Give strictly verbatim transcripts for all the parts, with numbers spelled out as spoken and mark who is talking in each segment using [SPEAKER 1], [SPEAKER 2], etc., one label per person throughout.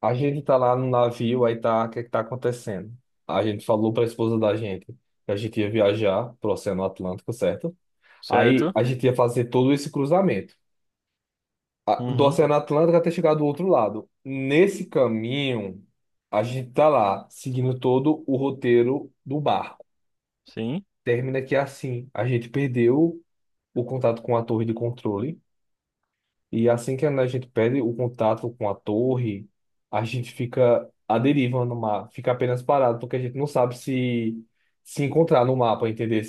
[SPEAKER 1] A gente tá lá no navio, aí tá, o que é que tá acontecendo? A gente falou pra esposa da gente que a gente ia viajar pro Oceano Atlântico, certo? Aí
[SPEAKER 2] Certo?
[SPEAKER 1] a gente ia fazer todo esse cruzamento a- do
[SPEAKER 2] Uhum.
[SPEAKER 1] Oceano Atlântico até chegar do outro lado. Nesse caminho, a gente tá lá seguindo todo o roteiro do barco.
[SPEAKER 2] Sim.
[SPEAKER 1] Termina que é assim, a gente perdeu o contato com a torre de controle. E assim que a gente perde o contato com a torre, a gente fica à deriva no mar, fica apenas parado, porque a gente não sabe se se encontrar no mapa, entendeu?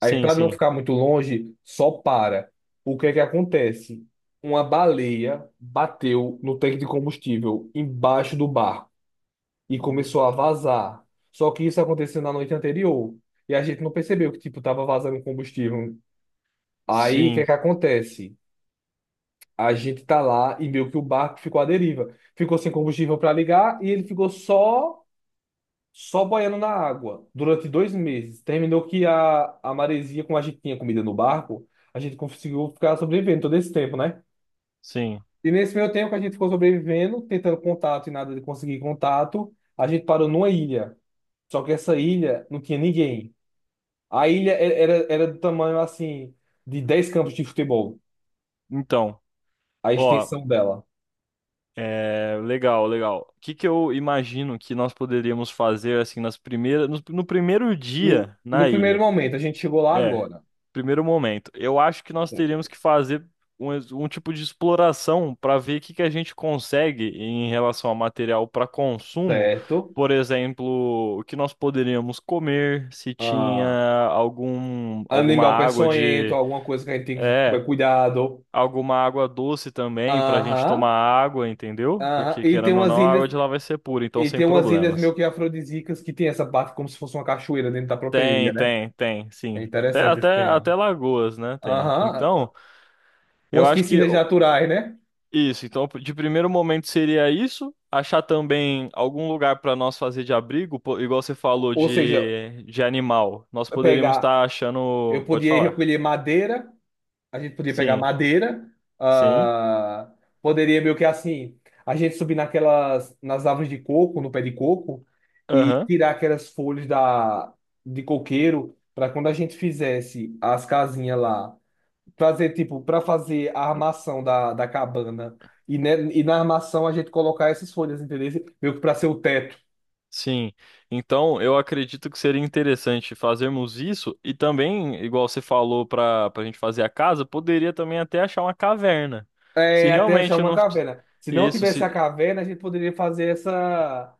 [SPEAKER 1] Aí, para não
[SPEAKER 2] sim.
[SPEAKER 1] ficar muito longe, só para. O que é que acontece? Uma baleia bateu no tanque de combustível embaixo do barco e
[SPEAKER 2] E o-
[SPEAKER 1] começou a vazar. Só que isso aconteceu na noite anterior e a gente não percebeu que tipo tava vazando combustível. Aí, o que é
[SPEAKER 2] Sim,
[SPEAKER 1] que acontece? A gente tá lá e meio que o barco ficou à deriva. Ficou sem combustível para ligar e ele ficou só só boiando na água durante dois meses. Terminou que a, a maresia, como a gente tinha comida no barco, a gente conseguiu ficar sobrevivendo todo esse tempo, né?
[SPEAKER 2] sim.
[SPEAKER 1] E nesse meio tempo que a gente ficou sobrevivendo, tentando contato e nada de conseguir contato, a gente parou numa ilha. Só que essa ilha não tinha ninguém. A ilha e- era, era do tamanho assim de dez campos de futebol,
[SPEAKER 2] Então,
[SPEAKER 1] a
[SPEAKER 2] ó,
[SPEAKER 1] extensão dela.
[SPEAKER 2] é, legal, legal. O que que eu imagino que nós poderíamos fazer assim nas primeiras, no, no primeiro
[SPEAKER 1] Hum,
[SPEAKER 2] dia na
[SPEAKER 1] No primeiro
[SPEAKER 2] ilha?
[SPEAKER 1] momento, a gente chegou lá
[SPEAKER 2] É,
[SPEAKER 1] agora.
[SPEAKER 2] Primeiro momento. Eu acho que nós teríamos que fazer um, ex- um tipo de exploração para ver o que que a gente consegue em relação a material para consumo.
[SPEAKER 1] Certo.
[SPEAKER 2] Por exemplo, o que nós poderíamos comer, se tinha
[SPEAKER 1] Ah,
[SPEAKER 2] algum, alguma
[SPEAKER 1] animal
[SPEAKER 2] água
[SPEAKER 1] peçonhento,
[SPEAKER 2] de.
[SPEAKER 1] alguma coisa que a gente tem que
[SPEAKER 2] É,
[SPEAKER 1] tomar cuidado.
[SPEAKER 2] Alguma água doce também para a gente tomar
[SPEAKER 1] Aham.
[SPEAKER 2] água, entendeu?
[SPEAKER 1] Aham.
[SPEAKER 2] Porque
[SPEAKER 1] E tem
[SPEAKER 2] querendo ou
[SPEAKER 1] umas
[SPEAKER 2] não, a
[SPEAKER 1] ilhas,
[SPEAKER 2] água de lá vai ser pura, então
[SPEAKER 1] e
[SPEAKER 2] sem
[SPEAKER 1] tem umas ilhas meio
[SPEAKER 2] problemas.
[SPEAKER 1] que afrodisíacas que tem essa parte como se fosse uma cachoeira dentro da própria ilha,
[SPEAKER 2] Tem,
[SPEAKER 1] né?
[SPEAKER 2] tem, tem,
[SPEAKER 1] É
[SPEAKER 2] sim. Até,
[SPEAKER 1] interessante esse
[SPEAKER 2] até,
[SPEAKER 1] tema.
[SPEAKER 2] até lagoas, né? Tem.
[SPEAKER 1] Aham.
[SPEAKER 2] Então. Eu
[SPEAKER 1] Umas
[SPEAKER 2] acho que
[SPEAKER 1] piscinas naturais, né?
[SPEAKER 2] isso, então de primeiro momento seria isso, achar também algum lugar para nós fazer de abrigo, po- igual você falou
[SPEAKER 1] Ou seja,
[SPEAKER 2] de, de animal. Nós poderíamos
[SPEAKER 1] pegar,
[SPEAKER 2] estar
[SPEAKER 1] eu
[SPEAKER 2] achando, pode
[SPEAKER 1] podia ir
[SPEAKER 2] falar.
[SPEAKER 1] recolher madeira a gente podia pegar
[SPEAKER 2] Sim,
[SPEAKER 1] madeira,
[SPEAKER 2] sim,
[SPEAKER 1] ah, poderia meio que assim, a gente subir naquelas, nas árvores de coco, no pé de coco, e
[SPEAKER 2] aham,
[SPEAKER 1] tirar aquelas folhas da, de coqueiro, para quando a gente fizesse as casinhas lá, fazer tipo, para fazer a armação da, da cabana, e, né, e na armação a gente colocar essas folhas, entendeu? Meio que para ser o teto.
[SPEAKER 2] sim. Então eu acredito que seria interessante fazermos isso e também, igual você falou para para a gente fazer a casa, poderia também até achar uma caverna. Se
[SPEAKER 1] É, até achar
[SPEAKER 2] realmente
[SPEAKER 1] uma
[SPEAKER 2] não
[SPEAKER 1] caverna. Se não
[SPEAKER 2] isso,
[SPEAKER 1] tivesse a
[SPEAKER 2] se
[SPEAKER 1] caverna, a gente poderia fazer essa.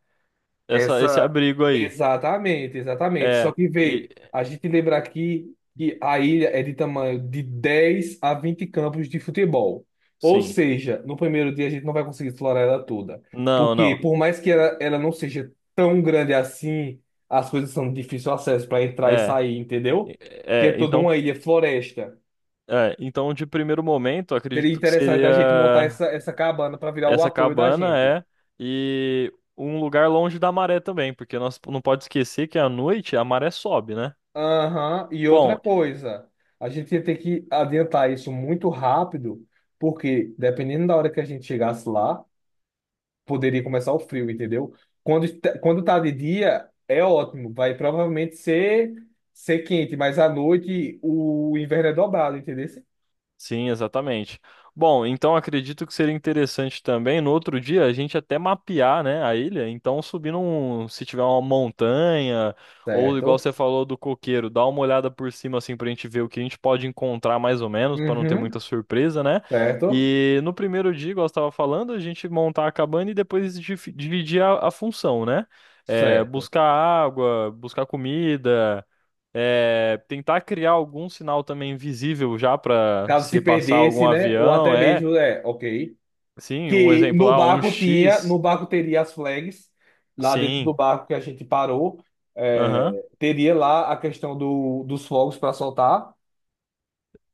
[SPEAKER 2] essa esse
[SPEAKER 1] Essa.
[SPEAKER 2] abrigo aí.
[SPEAKER 1] Exatamente, exatamente. Só
[SPEAKER 2] É,
[SPEAKER 1] que
[SPEAKER 2] e
[SPEAKER 1] vê, a gente lembra aqui que a ilha é de tamanho de dez a vinte campos de futebol. Ou
[SPEAKER 2] sim.
[SPEAKER 1] seja, no primeiro dia a gente não vai conseguir explorar ela toda.
[SPEAKER 2] Não,
[SPEAKER 1] Porque,
[SPEAKER 2] não.
[SPEAKER 1] por mais que ela, ela não seja tão grande assim, as coisas são de difícil acesso para entrar e
[SPEAKER 2] É.
[SPEAKER 1] sair, entendeu? Que é
[SPEAKER 2] É,
[SPEAKER 1] toda
[SPEAKER 2] então,
[SPEAKER 1] uma ilha floresta.
[SPEAKER 2] é, então de primeiro momento,
[SPEAKER 1] Seria
[SPEAKER 2] acredito que
[SPEAKER 1] interessante a gente montar
[SPEAKER 2] seria
[SPEAKER 1] essa, essa cabana para virar o
[SPEAKER 2] essa
[SPEAKER 1] apoio da
[SPEAKER 2] cabana
[SPEAKER 1] gente.
[SPEAKER 2] é e um lugar longe da maré também, porque nós não pode esquecer que à noite a maré sobe, né?
[SPEAKER 1] Aham. E outra
[SPEAKER 2] Bom,
[SPEAKER 1] coisa, a gente ia ter que adiantar isso muito rápido, porque dependendo da hora que a gente chegasse lá, poderia começar o frio, entendeu? Quando, est- quando tá de dia, é ótimo, vai provavelmente ser, ser quente, mas à noite o inverno é dobrado, entendeu?
[SPEAKER 2] sim, exatamente. Bom, então acredito que seria interessante também no outro dia a gente até mapear, né, a ilha. Então, subir um, se tiver uma montanha ou igual você
[SPEAKER 1] Certo?
[SPEAKER 2] falou do coqueiro, dar uma olhada por cima assim pra gente ver o que a gente pode encontrar mais ou menos, para não ter muita
[SPEAKER 1] Uhum,
[SPEAKER 2] surpresa, né?
[SPEAKER 1] certo?
[SPEAKER 2] E no primeiro dia, igual você estava falando, a gente montar a cabana e depois dif- dividir a, a função, né? É,
[SPEAKER 1] Certo.
[SPEAKER 2] buscar água, buscar comida. É, tentar criar algum sinal também visível já para
[SPEAKER 1] Caso se
[SPEAKER 2] se passar algum
[SPEAKER 1] perdesse, né? Ou
[SPEAKER 2] avião,
[SPEAKER 1] até
[SPEAKER 2] é.
[SPEAKER 1] mesmo, é, ok.
[SPEAKER 2] Sim, um
[SPEAKER 1] que
[SPEAKER 2] exemplo
[SPEAKER 1] no
[SPEAKER 2] lá, um
[SPEAKER 1] barco tinha, No
[SPEAKER 2] X.
[SPEAKER 1] barco teria as flags, lá dentro do
[SPEAKER 2] Sim,
[SPEAKER 1] barco que a gente parou,
[SPEAKER 2] aham,
[SPEAKER 1] é, teria lá a questão do, dos fogos para soltar,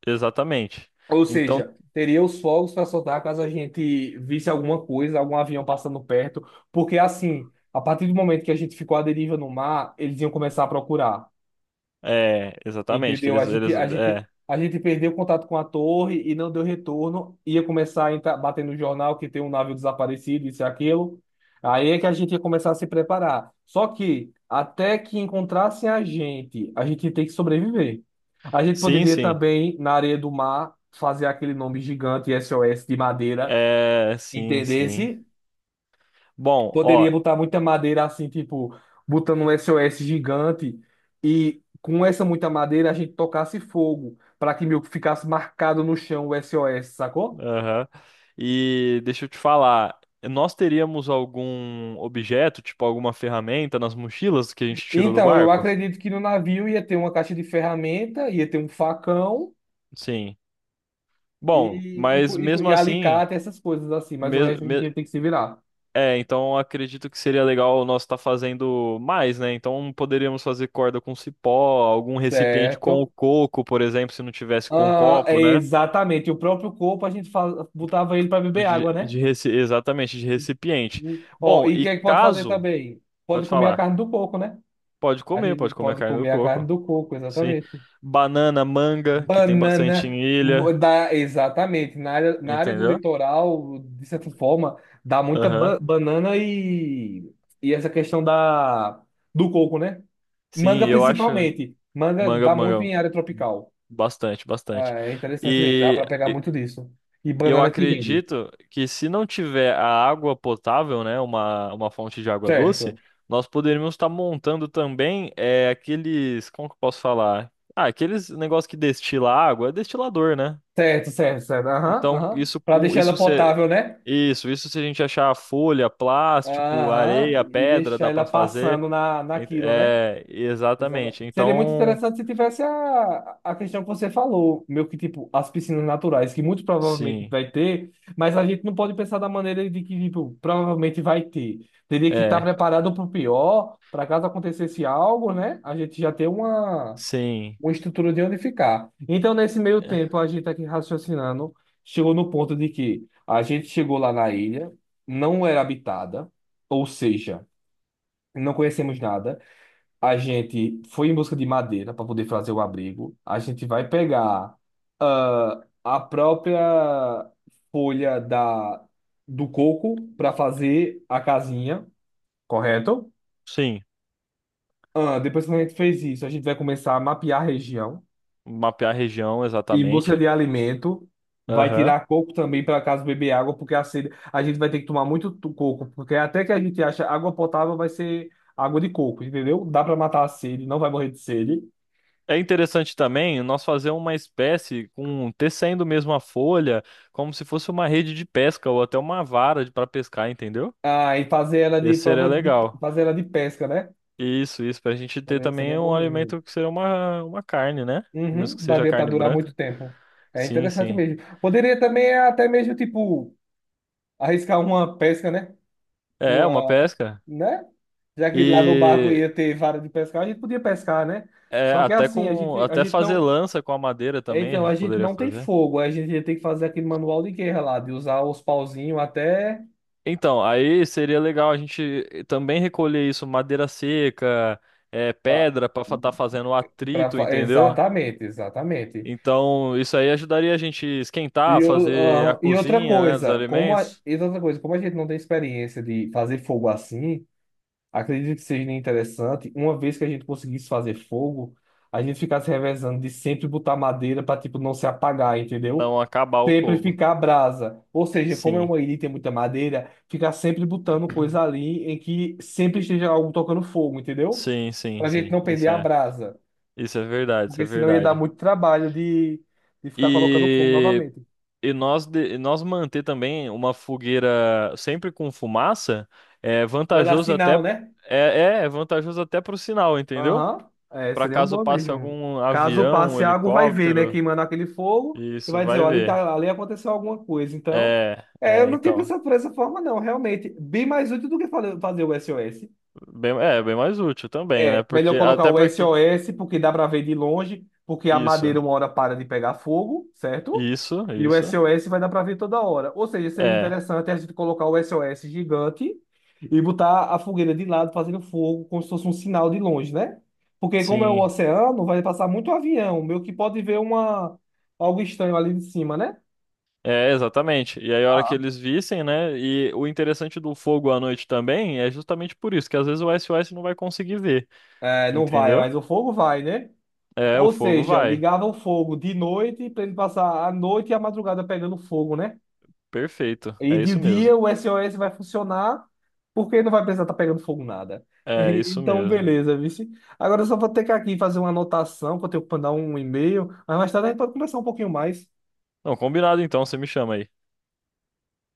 [SPEAKER 2] exatamente.
[SPEAKER 1] ou
[SPEAKER 2] Então,
[SPEAKER 1] seja, teria os fogos para soltar caso a gente visse alguma coisa, algum avião passando perto, porque assim, a partir do momento que a gente ficou à deriva no mar, eles iam começar a procurar.
[SPEAKER 2] é, exatamente, que
[SPEAKER 1] Entendeu? A
[SPEAKER 2] eles,
[SPEAKER 1] gente,
[SPEAKER 2] eles,
[SPEAKER 1] a gente,
[SPEAKER 2] é.
[SPEAKER 1] a gente perdeu contato com a torre e não deu retorno. Ia começar a entrar, bater no jornal que tem um navio desaparecido, isso e aquilo. Aí é que a gente ia começar a se preparar. Só que, até que encontrassem a gente, a gente tem que sobreviver. A gente
[SPEAKER 2] Sim,
[SPEAKER 1] poderia
[SPEAKER 2] sim.
[SPEAKER 1] também, na areia do mar, fazer aquele nome gigante S O S de madeira,
[SPEAKER 2] É, sim, sim.
[SPEAKER 1] entendesse?
[SPEAKER 2] Bom, ó,
[SPEAKER 1] Poderia botar muita madeira assim, tipo, botando um S O S gigante e com essa muita madeira a gente tocasse fogo para que meio que ficasse marcado no chão o S O S, sacou?
[SPEAKER 2] aham. E deixa eu te falar, nós teríamos algum objeto, tipo alguma ferramenta nas mochilas que a gente tirou do
[SPEAKER 1] Então, eu
[SPEAKER 2] barco?
[SPEAKER 1] acredito que no navio ia ter uma caixa de ferramenta, ia ter um facão
[SPEAKER 2] Sim. Bom,
[SPEAKER 1] e, e, co-
[SPEAKER 2] mas
[SPEAKER 1] e, co-
[SPEAKER 2] mesmo
[SPEAKER 1] e
[SPEAKER 2] assim,
[SPEAKER 1] alicate, essas coisas assim, mas o
[SPEAKER 2] mes-
[SPEAKER 1] resto a gente
[SPEAKER 2] me
[SPEAKER 1] ia ter que se virar,
[SPEAKER 2] é, então acredito que seria legal nós estar fazendo mais, né? Então poderíamos fazer corda com cipó, algum recipiente com o
[SPEAKER 1] certo?
[SPEAKER 2] coco, por exemplo, se não tivesse com
[SPEAKER 1] Ah, é
[SPEAKER 2] copo, né?
[SPEAKER 1] exatamente, o próprio corpo a gente fa- botava ele para beber
[SPEAKER 2] De,
[SPEAKER 1] água, né?
[SPEAKER 2] de reci- Exatamente, de recipiente.
[SPEAKER 1] Ó,
[SPEAKER 2] Bom,
[SPEAKER 1] e o que
[SPEAKER 2] e
[SPEAKER 1] é que pode fazer
[SPEAKER 2] caso,
[SPEAKER 1] também? Pode
[SPEAKER 2] pode
[SPEAKER 1] comer a
[SPEAKER 2] falar,
[SPEAKER 1] carne do porco, né?
[SPEAKER 2] pode
[SPEAKER 1] A
[SPEAKER 2] comer,
[SPEAKER 1] gente
[SPEAKER 2] pode comer a
[SPEAKER 1] pode
[SPEAKER 2] carne do
[SPEAKER 1] comer a carne
[SPEAKER 2] coco,
[SPEAKER 1] do coco,
[SPEAKER 2] sim.
[SPEAKER 1] exatamente.
[SPEAKER 2] Banana, manga, que tem bastante
[SPEAKER 1] Banana,
[SPEAKER 2] em ilha,
[SPEAKER 1] dá, exatamente. Na área, na área do
[SPEAKER 2] entendeu?
[SPEAKER 1] litoral, de certa forma, dá muita
[SPEAKER 2] Aham.
[SPEAKER 1] ba- banana e, e essa questão da, do coco, né?
[SPEAKER 2] Sim,
[SPEAKER 1] Manga
[SPEAKER 2] eu acho
[SPEAKER 1] principalmente. Manga
[SPEAKER 2] manga,
[SPEAKER 1] dá muito
[SPEAKER 2] manga,
[SPEAKER 1] em área
[SPEAKER 2] hum,
[SPEAKER 1] tropical.
[SPEAKER 2] bastante,
[SPEAKER 1] Ah,
[SPEAKER 2] bastante.
[SPEAKER 1] é interessante mesmo, dá para pegar muito disso. E
[SPEAKER 2] E eu
[SPEAKER 1] banana que rende.
[SPEAKER 2] acredito que se não tiver a água potável, né, uma, uma fonte de água doce,
[SPEAKER 1] Certo,
[SPEAKER 2] nós poderíamos estar montando também é, aqueles, como que eu posso falar? Ah, aqueles negócios que destila água, é destilador, né?
[SPEAKER 1] certo, certo, certo. Aham,
[SPEAKER 2] Então,
[SPEAKER 1] aham.
[SPEAKER 2] isso
[SPEAKER 1] Para
[SPEAKER 2] com
[SPEAKER 1] deixar ela
[SPEAKER 2] isso se
[SPEAKER 1] potável, né?
[SPEAKER 2] isso, isso se a gente achar folha, plástico,
[SPEAKER 1] Aham,
[SPEAKER 2] areia,
[SPEAKER 1] e
[SPEAKER 2] pedra,
[SPEAKER 1] deixar
[SPEAKER 2] dá
[SPEAKER 1] ela
[SPEAKER 2] para fazer.
[SPEAKER 1] passando na, na
[SPEAKER 2] Ent-
[SPEAKER 1] quilo, né?
[SPEAKER 2] É,
[SPEAKER 1] Exata-
[SPEAKER 2] exatamente.
[SPEAKER 1] Seria muito
[SPEAKER 2] Então,
[SPEAKER 1] interessante se tivesse a, a questão que você falou, meio que tipo as piscinas naturais, que muito provavelmente
[SPEAKER 2] sim.
[SPEAKER 1] vai ter, mas a gente não pode pensar da maneira de que tipo, provavelmente vai ter. Teria que estar
[SPEAKER 2] É,
[SPEAKER 1] preparado para o pior, para caso acontecesse algo, né? A gente já ter uma,
[SPEAKER 2] sim.
[SPEAKER 1] uma estrutura de onde ficar. Então, nesse meio
[SPEAKER 2] É,
[SPEAKER 1] tempo, a gente tá aqui raciocinando, chegou no ponto de que a gente chegou lá na ilha, não era habitada, ou seja, não conhecemos nada. A gente foi em busca de madeira para poder fazer o abrigo. A gente vai pegar ah, a própria folha da, do coco para fazer a casinha, correto?
[SPEAKER 2] sim,
[SPEAKER 1] Ah, depois que a gente fez isso, a gente vai começar a mapear a região
[SPEAKER 2] mapear a região
[SPEAKER 1] em busca
[SPEAKER 2] exatamente.
[SPEAKER 1] de alimento. Vai
[SPEAKER 2] Aham.
[SPEAKER 1] tirar coco também para caso beber água, porque a sede, a gente vai ter que tomar muito tu- coco, porque até que a gente acha água potável vai ser água de coco, entendeu? Dá para matar a sede, não vai morrer de sede.
[SPEAKER 2] É interessante também nós fazer uma espécie com tecendo mesmo a folha, como se fosse uma rede de pesca ou até uma vara para pescar, entendeu?
[SPEAKER 1] Ah, e fazer ela de
[SPEAKER 2] Esse seria
[SPEAKER 1] prova de
[SPEAKER 2] legal.
[SPEAKER 1] fazer ela de pesca, né?
[SPEAKER 2] Isso, isso, para a gente ter
[SPEAKER 1] Seria, seria
[SPEAKER 2] também
[SPEAKER 1] bom
[SPEAKER 2] um
[SPEAKER 1] mesmo.
[SPEAKER 2] alimento que seria uma, uma carne, né? Mesmo
[SPEAKER 1] Uhum,
[SPEAKER 2] que seja
[SPEAKER 1] daria para
[SPEAKER 2] carne
[SPEAKER 1] durar muito
[SPEAKER 2] branca.
[SPEAKER 1] tempo. É
[SPEAKER 2] Sim,
[SPEAKER 1] interessante
[SPEAKER 2] sim.
[SPEAKER 1] mesmo. Poderia também até mesmo, tipo, arriscar uma pesca, né?
[SPEAKER 2] É, uma
[SPEAKER 1] Uma,
[SPEAKER 2] pesca.
[SPEAKER 1] né? Já que lá no barco
[SPEAKER 2] E
[SPEAKER 1] ia ter vara de pescar, a gente podia pescar, né?
[SPEAKER 2] é,
[SPEAKER 1] Só que
[SPEAKER 2] até
[SPEAKER 1] assim, a
[SPEAKER 2] com
[SPEAKER 1] gente, a
[SPEAKER 2] até
[SPEAKER 1] gente
[SPEAKER 2] fazer
[SPEAKER 1] não.
[SPEAKER 2] lança com a madeira
[SPEAKER 1] é,
[SPEAKER 2] também a
[SPEAKER 1] Então, a
[SPEAKER 2] gente
[SPEAKER 1] gente
[SPEAKER 2] poderia
[SPEAKER 1] não tem
[SPEAKER 2] fazer.
[SPEAKER 1] fogo, a gente ia ter que fazer aquele manual de guerra lá, de usar os pauzinhos até.
[SPEAKER 2] Então, aí seria legal a gente também recolher isso, madeira seca, é,
[SPEAKER 1] ah,
[SPEAKER 2] pedra para estar fazendo o
[SPEAKER 1] pra,
[SPEAKER 2] atrito,
[SPEAKER 1] fa-
[SPEAKER 2] entendeu?
[SPEAKER 1] Exatamente, exatamente.
[SPEAKER 2] Então, isso aí ajudaria a gente
[SPEAKER 1] E,
[SPEAKER 2] esquentar,
[SPEAKER 1] eu-
[SPEAKER 2] fazer a
[SPEAKER 1] ah, e outra
[SPEAKER 2] cozinha, né, dos
[SPEAKER 1] coisa, como a,
[SPEAKER 2] alimentos,
[SPEAKER 1] e outra coisa, como a gente não tem experiência de fazer fogo assim, acredito que seja interessante, uma vez que a gente conseguisse fazer fogo, a gente ficasse revezando de sempre botar madeira para tipo não se apagar, entendeu?
[SPEAKER 2] não acabar o
[SPEAKER 1] Sempre
[SPEAKER 2] fogo.
[SPEAKER 1] ficar brasa. Ou seja, como é
[SPEAKER 2] Sim,
[SPEAKER 1] uma ilha e tem muita madeira, ficar sempre botando coisa ali em que sempre esteja algo tocando fogo, entendeu?
[SPEAKER 2] sim, sim,
[SPEAKER 1] Pra gente
[SPEAKER 2] sim.
[SPEAKER 1] não perder
[SPEAKER 2] Isso
[SPEAKER 1] a
[SPEAKER 2] é,
[SPEAKER 1] brasa,
[SPEAKER 2] isso é verdade, isso é
[SPEAKER 1] porque senão ia dar
[SPEAKER 2] verdade.
[SPEAKER 1] muito trabalho de, de ficar colocando fogo
[SPEAKER 2] E,
[SPEAKER 1] novamente.
[SPEAKER 2] e nós, de- e nós manter também uma fogueira sempre com fumaça é
[SPEAKER 1] Pra dar
[SPEAKER 2] vantajoso até
[SPEAKER 1] sinal, né?
[SPEAKER 2] é, é, é vantajoso até pro sinal, entendeu?
[SPEAKER 1] Aham. É,
[SPEAKER 2] Pra
[SPEAKER 1] seria um
[SPEAKER 2] caso
[SPEAKER 1] bom
[SPEAKER 2] passe
[SPEAKER 1] mesmo.
[SPEAKER 2] algum
[SPEAKER 1] Caso
[SPEAKER 2] avião, um
[SPEAKER 1] passe água, vai ver, né?
[SPEAKER 2] helicóptero,
[SPEAKER 1] Queimando aquele fogo e
[SPEAKER 2] isso
[SPEAKER 1] vai dizer,
[SPEAKER 2] vai
[SPEAKER 1] ó, ali,
[SPEAKER 2] ver.
[SPEAKER 1] tá, ali aconteceu alguma coisa. Então,
[SPEAKER 2] É,
[SPEAKER 1] é, eu
[SPEAKER 2] é,
[SPEAKER 1] não tinha
[SPEAKER 2] então,
[SPEAKER 1] pensado por essa forma, não, realmente. Bem mais útil do que fale- fazer o S O S.
[SPEAKER 2] bem, é bem mais útil também, né?
[SPEAKER 1] É,
[SPEAKER 2] Porque
[SPEAKER 1] melhor colocar
[SPEAKER 2] até
[SPEAKER 1] o
[SPEAKER 2] porque
[SPEAKER 1] S O S, porque dá para ver de longe, porque a
[SPEAKER 2] isso,
[SPEAKER 1] madeira uma hora para de pegar fogo, certo?
[SPEAKER 2] isso,
[SPEAKER 1] E o
[SPEAKER 2] isso.
[SPEAKER 1] S O S vai dar para ver toda hora. Ou seja, seria
[SPEAKER 2] É,
[SPEAKER 1] interessante a gente colocar o S O S gigante e botar a fogueira de lado fazendo fogo, como se fosse um sinal de longe, né? Porque como é o
[SPEAKER 2] sim.
[SPEAKER 1] oceano, vai passar muito avião, meio que pode ver uma algo estranho ali de cima, né?
[SPEAKER 2] É, exatamente. E aí, a hora que
[SPEAKER 1] Ah.
[SPEAKER 2] eles vissem, né? E o interessante do fogo à noite também é justamente por isso, que às vezes o S O S não vai conseguir ver,
[SPEAKER 1] É, não vai,
[SPEAKER 2] entendeu?
[SPEAKER 1] mas o fogo vai, né?
[SPEAKER 2] É, o
[SPEAKER 1] Ou
[SPEAKER 2] fogo
[SPEAKER 1] seja,
[SPEAKER 2] vai.
[SPEAKER 1] ligava o fogo de noite para ele passar a noite e a madrugada pegando fogo, né?
[SPEAKER 2] Perfeito.
[SPEAKER 1] E
[SPEAKER 2] É
[SPEAKER 1] de
[SPEAKER 2] isso mesmo.
[SPEAKER 1] dia o S O S vai funcionar porque não vai precisar estar pegando fogo nada.
[SPEAKER 2] É isso
[SPEAKER 1] Então,
[SPEAKER 2] mesmo.
[SPEAKER 1] beleza, vice. Agora eu só vou ter que aqui fazer uma anotação, que eu tenho que mandar um e-mail, mas mais tarde a gente pode conversar um pouquinho mais.
[SPEAKER 2] Não, combinado então, você me chama aí.